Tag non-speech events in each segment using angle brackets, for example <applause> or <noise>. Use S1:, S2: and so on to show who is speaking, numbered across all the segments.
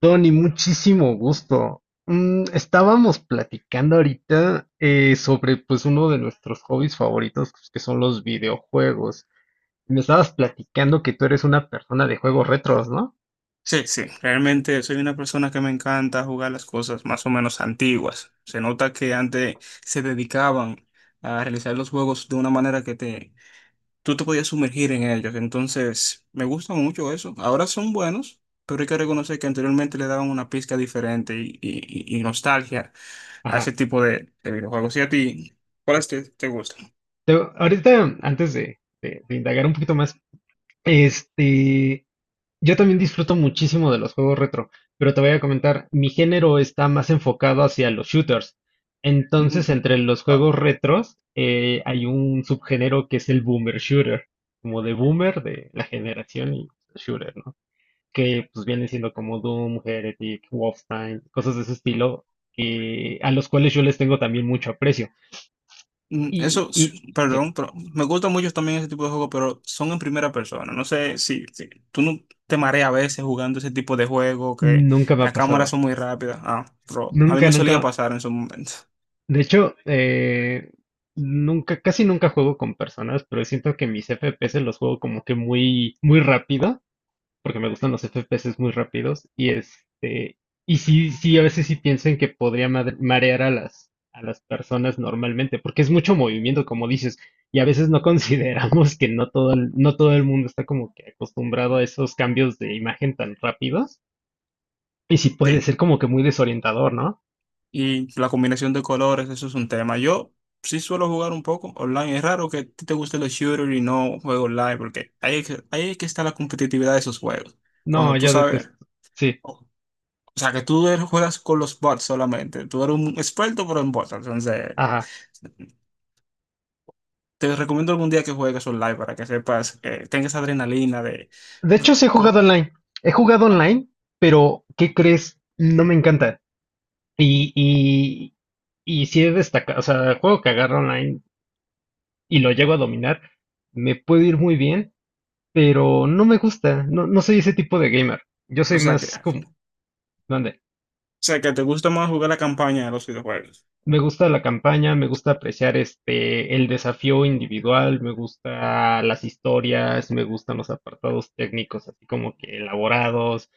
S1: Tony, muchísimo gusto. Estábamos platicando ahorita sobre pues uno de nuestros hobbies favoritos pues, que son los videojuegos. Me estabas platicando que tú eres una persona de juegos retros, ¿no?
S2: Sí, sí, realmente soy una persona que me encanta jugar las cosas más o menos antiguas. Se nota que antes se dedicaban a realizar los juegos de una manera que tú te podías sumergir en ellos. Entonces, me gusta mucho eso. Ahora son buenos, pero hay que reconocer que anteriormente le daban una pizca diferente y nostalgia a ese
S1: Ajá.
S2: tipo de videojuegos. ¿Y a ti, cuáles te gustan?
S1: Ahorita, antes de indagar un poquito más, este, yo también disfruto muchísimo de los juegos retro, pero te voy a comentar, mi género está más enfocado hacia los shooters. Entonces,
S2: Mm,
S1: entre los
S2: ah.
S1: juegos retros, hay un subgénero que es el boomer shooter, como de boomer de la generación y shooter, ¿no? Que pues vienen siendo como Doom, Heretic, Wolfenstein, cosas de ese estilo, que, a los cuales yo les tengo también mucho aprecio.
S2: Mm,
S1: Y, y sí,
S2: Perdón, pero me gusta mucho también ese tipo de juegos, pero son en primera persona. No sé si tú no te mareas a veces jugando ese tipo de juego, que
S1: nunca me ha
S2: las cámaras
S1: pasado.
S2: son muy rápidas. Ah, pero a mí
S1: Nunca,
S2: me solía
S1: nunca.
S2: pasar en su momento. <laughs>
S1: De hecho, nunca, casi nunca juego con personas, pero siento que mis FPS los juego como que muy, muy rápido, porque me gustan los FPS muy rápidos. Y sí, sí, a veces sí pienso en que podría marear a las personas normalmente, porque es mucho movimiento, como dices, y a veces no <laughs> consideramos que no todo el mundo está como que acostumbrado a esos cambios de imagen tan rápidos. Y sí puede
S2: Sí,
S1: ser como que muy desorientador, ¿no?
S2: y la combinación de colores, eso es un tema. Yo sí suelo jugar un poco online. Es raro que a ti te gusten los shooters y no juego online, porque ahí es que está la competitividad de esos juegos.
S1: No,
S2: Cuando tú
S1: yo
S2: sabes,
S1: detesto. Sí,
S2: o o sea, que juegas con los bots solamente. Tú eres un experto, pero en bots. Entonces,
S1: ajá.
S2: te recomiendo algún día que juegues online para que sepas, que tengas esa adrenalina de...
S1: De
S2: O sea,
S1: hecho, sí he
S2: tú-
S1: jugado online. He jugado online, pero ¿qué crees? No me encanta. Y, y, y si he destacado, o sea, el juego que agarro online y lo llego a dominar, me puede ir muy bien, pero no me gusta. No, no soy ese tipo de gamer. Yo soy más como.
S2: o sea, que te gusta más jugar la campaña de los videojuegos.
S1: Me gusta la campaña, me gusta apreciar el desafío individual, me gusta las historias, me gustan los apartados técnicos así como que elaborados.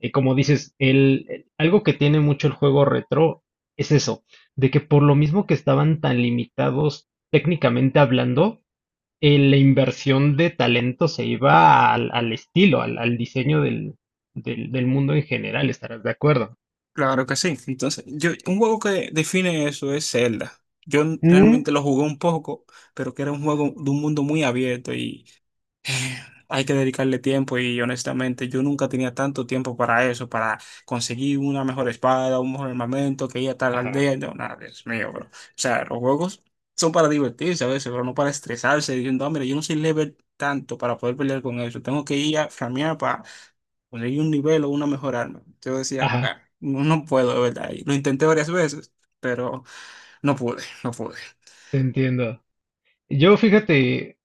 S1: Y como dices, algo que tiene mucho el juego retro es eso, de que por lo mismo que estaban tan limitados técnicamente hablando, la inversión de talento se iba al estilo, al diseño del mundo en general, estarás de acuerdo.
S2: Claro que sí. Entonces, yo, un juego que define eso es Zelda.
S1: Mm,
S2: Realmente lo jugué un poco, pero que era un juego de un mundo muy abierto y hay que dedicarle tiempo y honestamente yo nunca tenía tanto tiempo para eso, para conseguir una mejor espada, un mejor armamento, que ir a tal
S1: ajá,
S2: aldea. No, nada, Dios mío, bro. O sea, los juegos son para divertirse a veces, pero no para estresarse diciendo, ah, mira, yo no soy level tanto para poder pelear con eso. Tengo que ir a farmear para conseguir un nivel o una mejor arma. Yo decía: "Bueno,
S1: ajá,
S2: no, no puedo, de verdad." Y lo intenté varias veces, pero no pude, no pude.
S1: te entiendo. Yo, fíjate,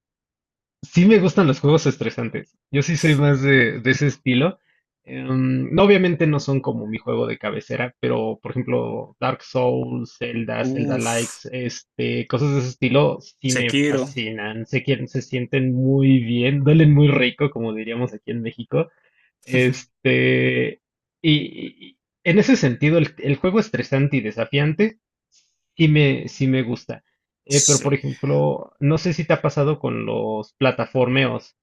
S1: sí me gustan los juegos estresantes. Yo sí soy más de ese estilo. No, obviamente no son como mi juego de cabecera, pero por ejemplo, Dark Souls, Zelda, Zelda Likes,
S2: Uf,
S1: cosas de ese estilo sí me
S2: Sekiro,
S1: fascinan. Se quieren, se sienten muy bien, duelen muy rico, como diríamos aquí en México. Este, y en ese sentido, el juego estresante y desafiante sí me gusta. Pero por
S2: sí.
S1: ejemplo, no sé si te ha pasado con los plataformeos,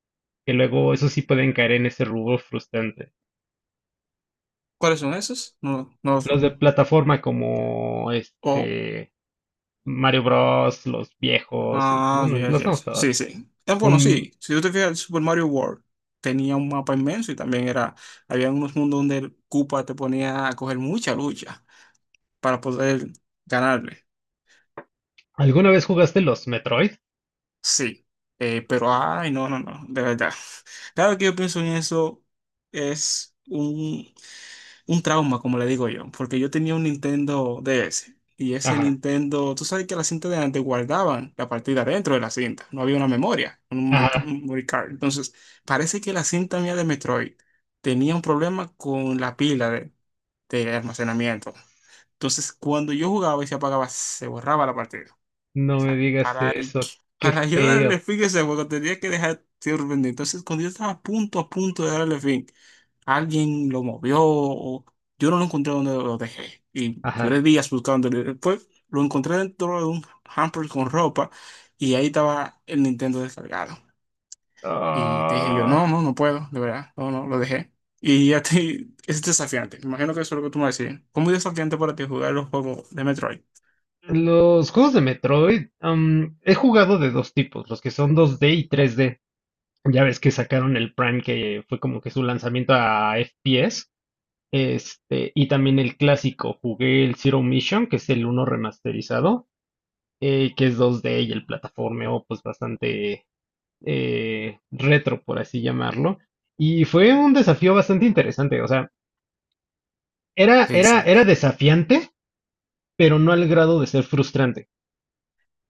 S1: que luego eso sí pueden caer en ese rubro frustrante.
S2: ¿Cuáles son esos? No, no los...
S1: Los de plataforma como
S2: Oh,
S1: este Mario Bros, los viejos,
S2: ah,
S1: bueno,
S2: yes,
S1: los estamos
S2: yes.
S1: todavía.
S2: Sí, sí. Bueno, sí,
S1: Un,
S2: si tú te fijas, el Super Mario World tenía un mapa inmenso y también era, había unos mundos donde el Koopa te ponía a coger mucha lucha para poder ganarle.
S1: ¿Alguna vez jugaste los Metroid?
S2: Sí, eh, pero ay, no, no, no, de verdad. Cada vez que yo pienso en eso es un trauma, como le digo yo, porque yo tenía un Nintendo DS y ese
S1: Ajá,
S2: Nintendo, tú sabes que la cinta de antes guardaban la partida dentro de la cinta, no había una memoria, un
S1: ajá,
S2: memory card. Entonces, parece que la cinta mía de Metroid tenía un problema con la pila de almacenamiento. Entonces, cuando yo jugaba y se apagaba, se borraba la partida
S1: no me
S2: sea,
S1: digas eso, qué
S2: para yo darle
S1: feo.
S2: fin a ese juego tenía que dejar sirviendo. Entonces, cuando yo estaba a punto de darle fin, alguien lo movió o yo no lo encontré donde lo dejé. Y
S1: Ajá.
S2: duré días buscándolo. Después lo encontré dentro de un hamper con ropa y ahí estaba el Nintendo descargado. Y te dije yo,
S1: Ah,
S2: no, no, no puedo, de verdad, no, no, lo dejé. Y a ti es desafiante. Me imagino que eso es lo que tú me decías. ¿Cómo es desafiante para ti jugar los juegos de Metroid?
S1: los juegos de Metroid, he jugado de dos tipos, los que son 2D y 3D. Ya ves que sacaron el Prime que fue como que su lanzamiento a FPS. Y también el clásico, jugué el Zero Mission, que es el uno remasterizado, que es 2D y el plataformeo, pues bastante retro, por así llamarlo. Y fue un desafío bastante interesante. O sea, era,
S2: Sí,
S1: era,
S2: sí.
S1: era desafiante, pero no al grado de ser frustrante.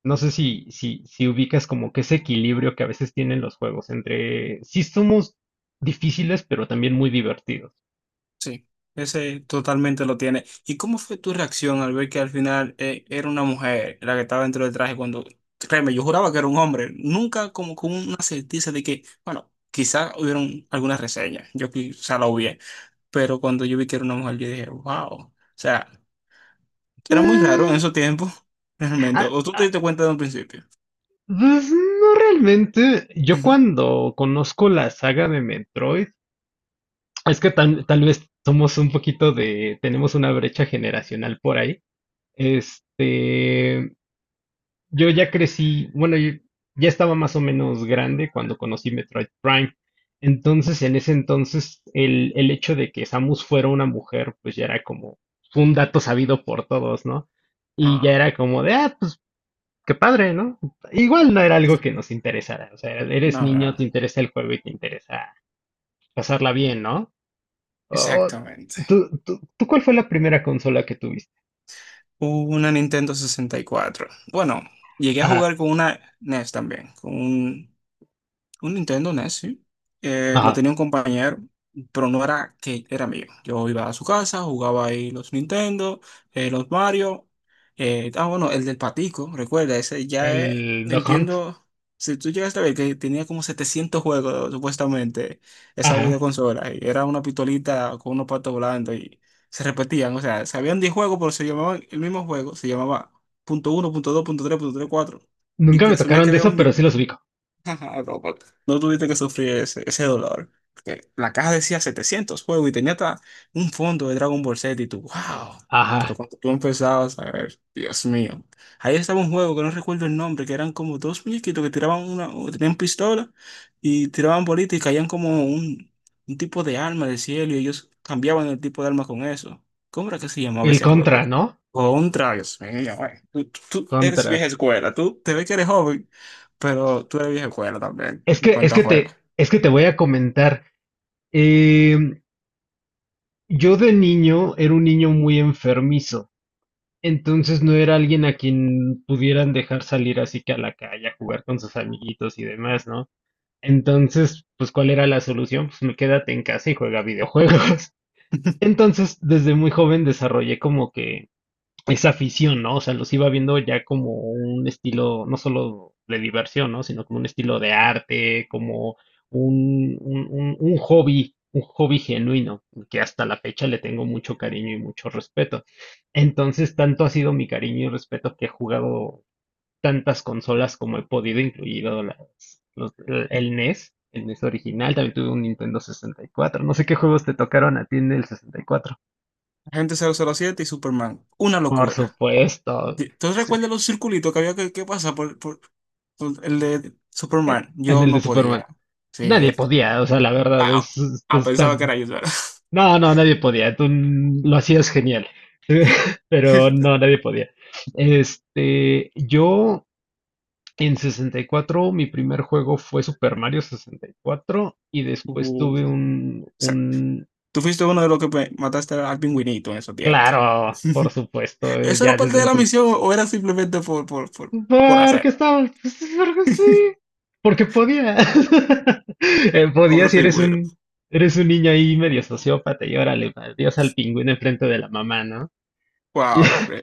S1: No sé si, si, si ubicas como que ese equilibrio que a veces tienen los juegos entre sí somos difíciles, pero también muy divertidos.
S2: Sí, ese totalmente lo tiene. ¿Y cómo fue tu reacción al ver que al final era una mujer la que estaba dentro del traje cuando, créeme, yo juraba que era un hombre, nunca como con una certeza de que, bueno, quizás hubieron algunas reseñas, yo quizá la hubiera, pero cuando yo vi que era una mujer, yo dije, wow, o sea, era muy raro en
S1: Ah,
S2: esos tiempos, <laughs> realmente,
S1: ah,
S2: o tú te
S1: ah,
S2: diste cuenta de un principio.
S1: pues, no realmente. Yo
S2: <laughs>
S1: cuando conozco la saga de Metroid, es que tal vez somos un poquito tenemos una brecha generacional por ahí. Este, yo ya crecí, bueno, yo ya estaba más o menos grande cuando conocí Metroid Prime. Entonces, en ese entonces, el hecho de que Samus fuera una mujer, pues ya era como un dato sabido por todos, ¿no? Y ya
S2: No,
S1: era como de, pues qué padre, ¿no? Igual no era algo que nos interesara. O sea, eres
S2: no,
S1: niño, te
S2: no,
S1: interesa el juego y te interesa pasarla bien, ¿no? O- o-
S2: exactamente.
S1: ¿tú, tú cuál fue la primera consola que tuviste?
S2: Una Nintendo 64. Bueno, llegué a
S1: Ajá,
S2: jugar con una NES también, con un Nintendo NES, sí. Lo
S1: ajá.
S2: tenía un compañero, pero no era que era mío. Yo iba a su casa, jugaba ahí los Nintendo, los Mario. Ah, bueno, el del patico, recuerda, ese ya es,
S1: El Duck Hunt.
S2: entiendo, si tú llegaste a ver que tenía como 700 juegos, supuestamente, esa
S1: Ajá.
S2: videoconsola, y era una pistolita con unos patos volando y se repetían, o sea, sabían habían 10 juegos, pero se llamaban el mismo juego, se llamaba punto uno, punto dos, punto tres, cuatro, y
S1: Nunca
S2: te
S1: me
S2: asumía
S1: tocaron
S2: que
S1: de
S2: había
S1: eso,
S2: un...
S1: pero sí los ubico.
S2: <laughs> No, no tuviste que sufrir ese dolor. Que la caja decía 700 juegos y tenía hasta un fondo de Dragon Ball Z y tú, wow. Pero
S1: Ajá.
S2: cuando tú empezabas a ver, Dios mío. Ahí estaba un juego que no recuerdo el nombre, que eran como dos muñequitos que tiraban una, tenían pistola y tiraban bolitas y caían como un tipo de arma del cielo y ellos cambiaban el tipo de arma con eso. ¿Cómo era que se llamaba
S1: El
S2: ese juego?
S1: Contra, ¿no?
S2: Contra, Dios mío, güey. Tú eres
S1: Contra.
S2: vieja escuela, tú te ves que eres joven. Pero tú eres vieja escuela también, en cuanto a juegos.
S1: Es que te voy a comentar. Em, yo de niño era un niño muy enfermizo. Entonces no era alguien a quien pudieran dejar salir así que a la calle a jugar con sus amiguitos y demás, ¿no? Entonces, pues, ¿cuál era la solución? Pues me quédate en casa y juega videojuegos. <laughs>
S2: <laughs>
S1: Entonces, desde muy joven desarrollé como que esa afición, ¿no? O sea, los iba viendo ya como un estilo, no solo de diversión, ¿no? Sino como un estilo de arte, como un hobby genuino, que hasta la fecha le tengo mucho cariño y mucho respeto. Entonces, tanto ha sido mi cariño y respeto que he jugado tantas consolas como he podido, incluido el NES original, también tuve un Nintendo 64. No sé qué juegos te tocaron a ti en el 64.
S2: Agente 007 y Superman. Una
S1: Por
S2: locura.
S1: supuesto.
S2: ¿Tú recuerdas los circulitos que había que pasar por el de
S1: En
S2: Superman?
S1: en
S2: Yo
S1: el de
S2: no
S1: Superman.
S2: podía. Sí.
S1: Nadie podía, o sea, la verdad.
S2: Ah, ah, pensaba que era yo, solo.
S1: No, no, nadie podía. Tú lo hacías genial. <laughs> Pero no,
S2: <laughs>
S1: nadie podía. Yo en 64, mi primer juego fue Super Mario 64 y cuatro y después tuve
S2: O
S1: un,
S2: sea,
S1: un,
S2: tú fuiste uno de los que mataste al pingüinito en esos tiempos.
S1: claro, por
S2: <laughs>
S1: supuesto,
S2: ¿Eso
S1: ya
S2: era
S1: desde
S2: parte de la
S1: entonces.
S2: misión o era simplemente por hacer?
S1: Porque estaba, pues, porque sí, porque podía. <laughs> Podía
S2: Pobre
S1: si eres
S2: pingüino.
S1: un, eres un niño ahí medio sociópata y órale, adiós al pingüino enfrente de la mamá, ¿no?
S2: Wow,
S1: <laughs>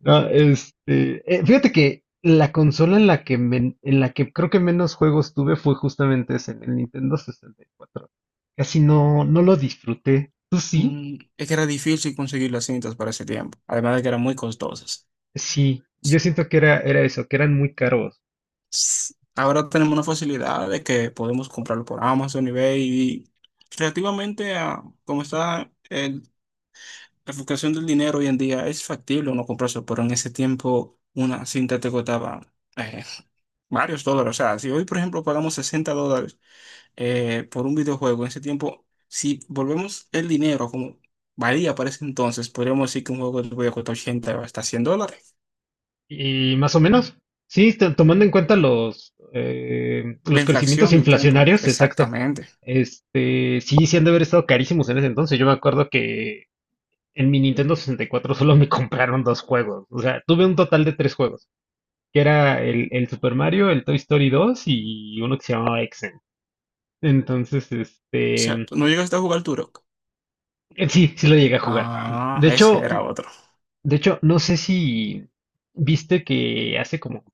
S1: No, fíjate que la consola en la que creo que menos juegos tuve fue justamente ese, en el Nintendo 64. Casi no, no lo disfruté. ¿Tú sí?
S2: Es que era difícil conseguir las cintas para ese tiempo, además de que eran muy costosas.
S1: Sí, yo siento que era eso, que eran muy caros.
S2: Ahora tenemos una facilidad de que podemos comprarlo por Amazon, eBay y relativamente a cómo está la fluctuación del dinero hoy en día, es factible uno comprarse, pero en ese tiempo una cinta te costaba eh, varios dólares. O sea, si hoy, por ejemplo, pagamos $60 por un videojuego en ese tiempo, si volvemos el dinero como valía para ese entonces, podríamos decir que un juego de videojuego cuesta 80 o hasta $100.
S1: Y más o menos, sí, tomando en cuenta los, eh,
S2: La
S1: los crecimientos
S2: inflación del tiempo,
S1: inflacionarios, exacto.
S2: exactamente. O
S1: Sí, sí han de haber estado carísimos en ese entonces. Yo me acuerdo que en mi Nintendo 64 solo me <laughs> compraron dos juegos. O sea, tuve un total de tres juegos, que era el Super Mario, el Toy Story 2 y uno que se llamaba Exen. Entonces,
S2: sea, ¿tú no llegaste a jugar Turok?
S1: sí, sí lo llegué a jugar.
S2: Ah,
S1: De
S2: ese
S1: hecho,
S2: era otro.
S1: de hecho, no sé si viste que hace como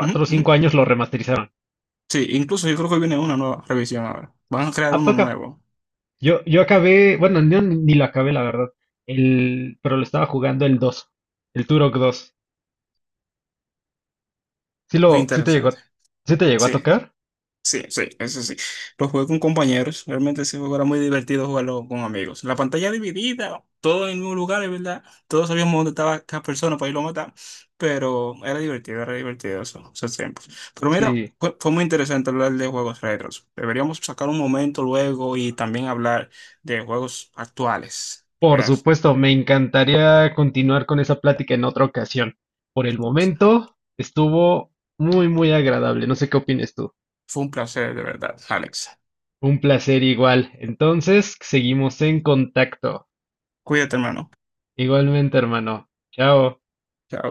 S2: Ujú,
S1: o
S2: ujú.
S1: cinco años lo remasterizaron.
S2: Sí, incluso yo creo que viene una nueva revisión ahora. Van a crear
S1: Ah, fue
S2: uno
S1: acá.
S2: nuevo.
S1: Yo acabé, bueno, no, ni lo acabé, la verdad. Pero lo estaba jugando el Turok 2. Sí
S2: Muy
S1: lo, sí te llegó,
S2: interesante.
S1: a- sí te llegó a
S2: Sí,
S1: tocar.
S2: sí, sí, eso sí. Lo jugué con compañeros. Realmente ese juego era muy divertido jugarlo con amigos. La pantalla dividida, todo en el mismo lugar, es verdad. Todos sabíamos dónde estaba cada persona para irlo a matar. Pero era divertido eso, esos tiempos. Pero mira,
S1: Sí,
S2: fue muy interesante hablar de juegos retros. Deberíamos sacar un momento luego y también hablar de juegos actuales.
S1: por
S2: Verás,
S1: supuesto, me encantaría continuar con esa plática en otra ocasión. Por el momento, estuvo muy, muy agradable. No sé qué opines tú.
S2: fue un placer, de verdad, Alex.
S1: Un placer igual. Entonces, seguimos en contacto.
S2: Cuídate, hermano.
S1: Igualmente, hermano. Chao.
S2: Chao.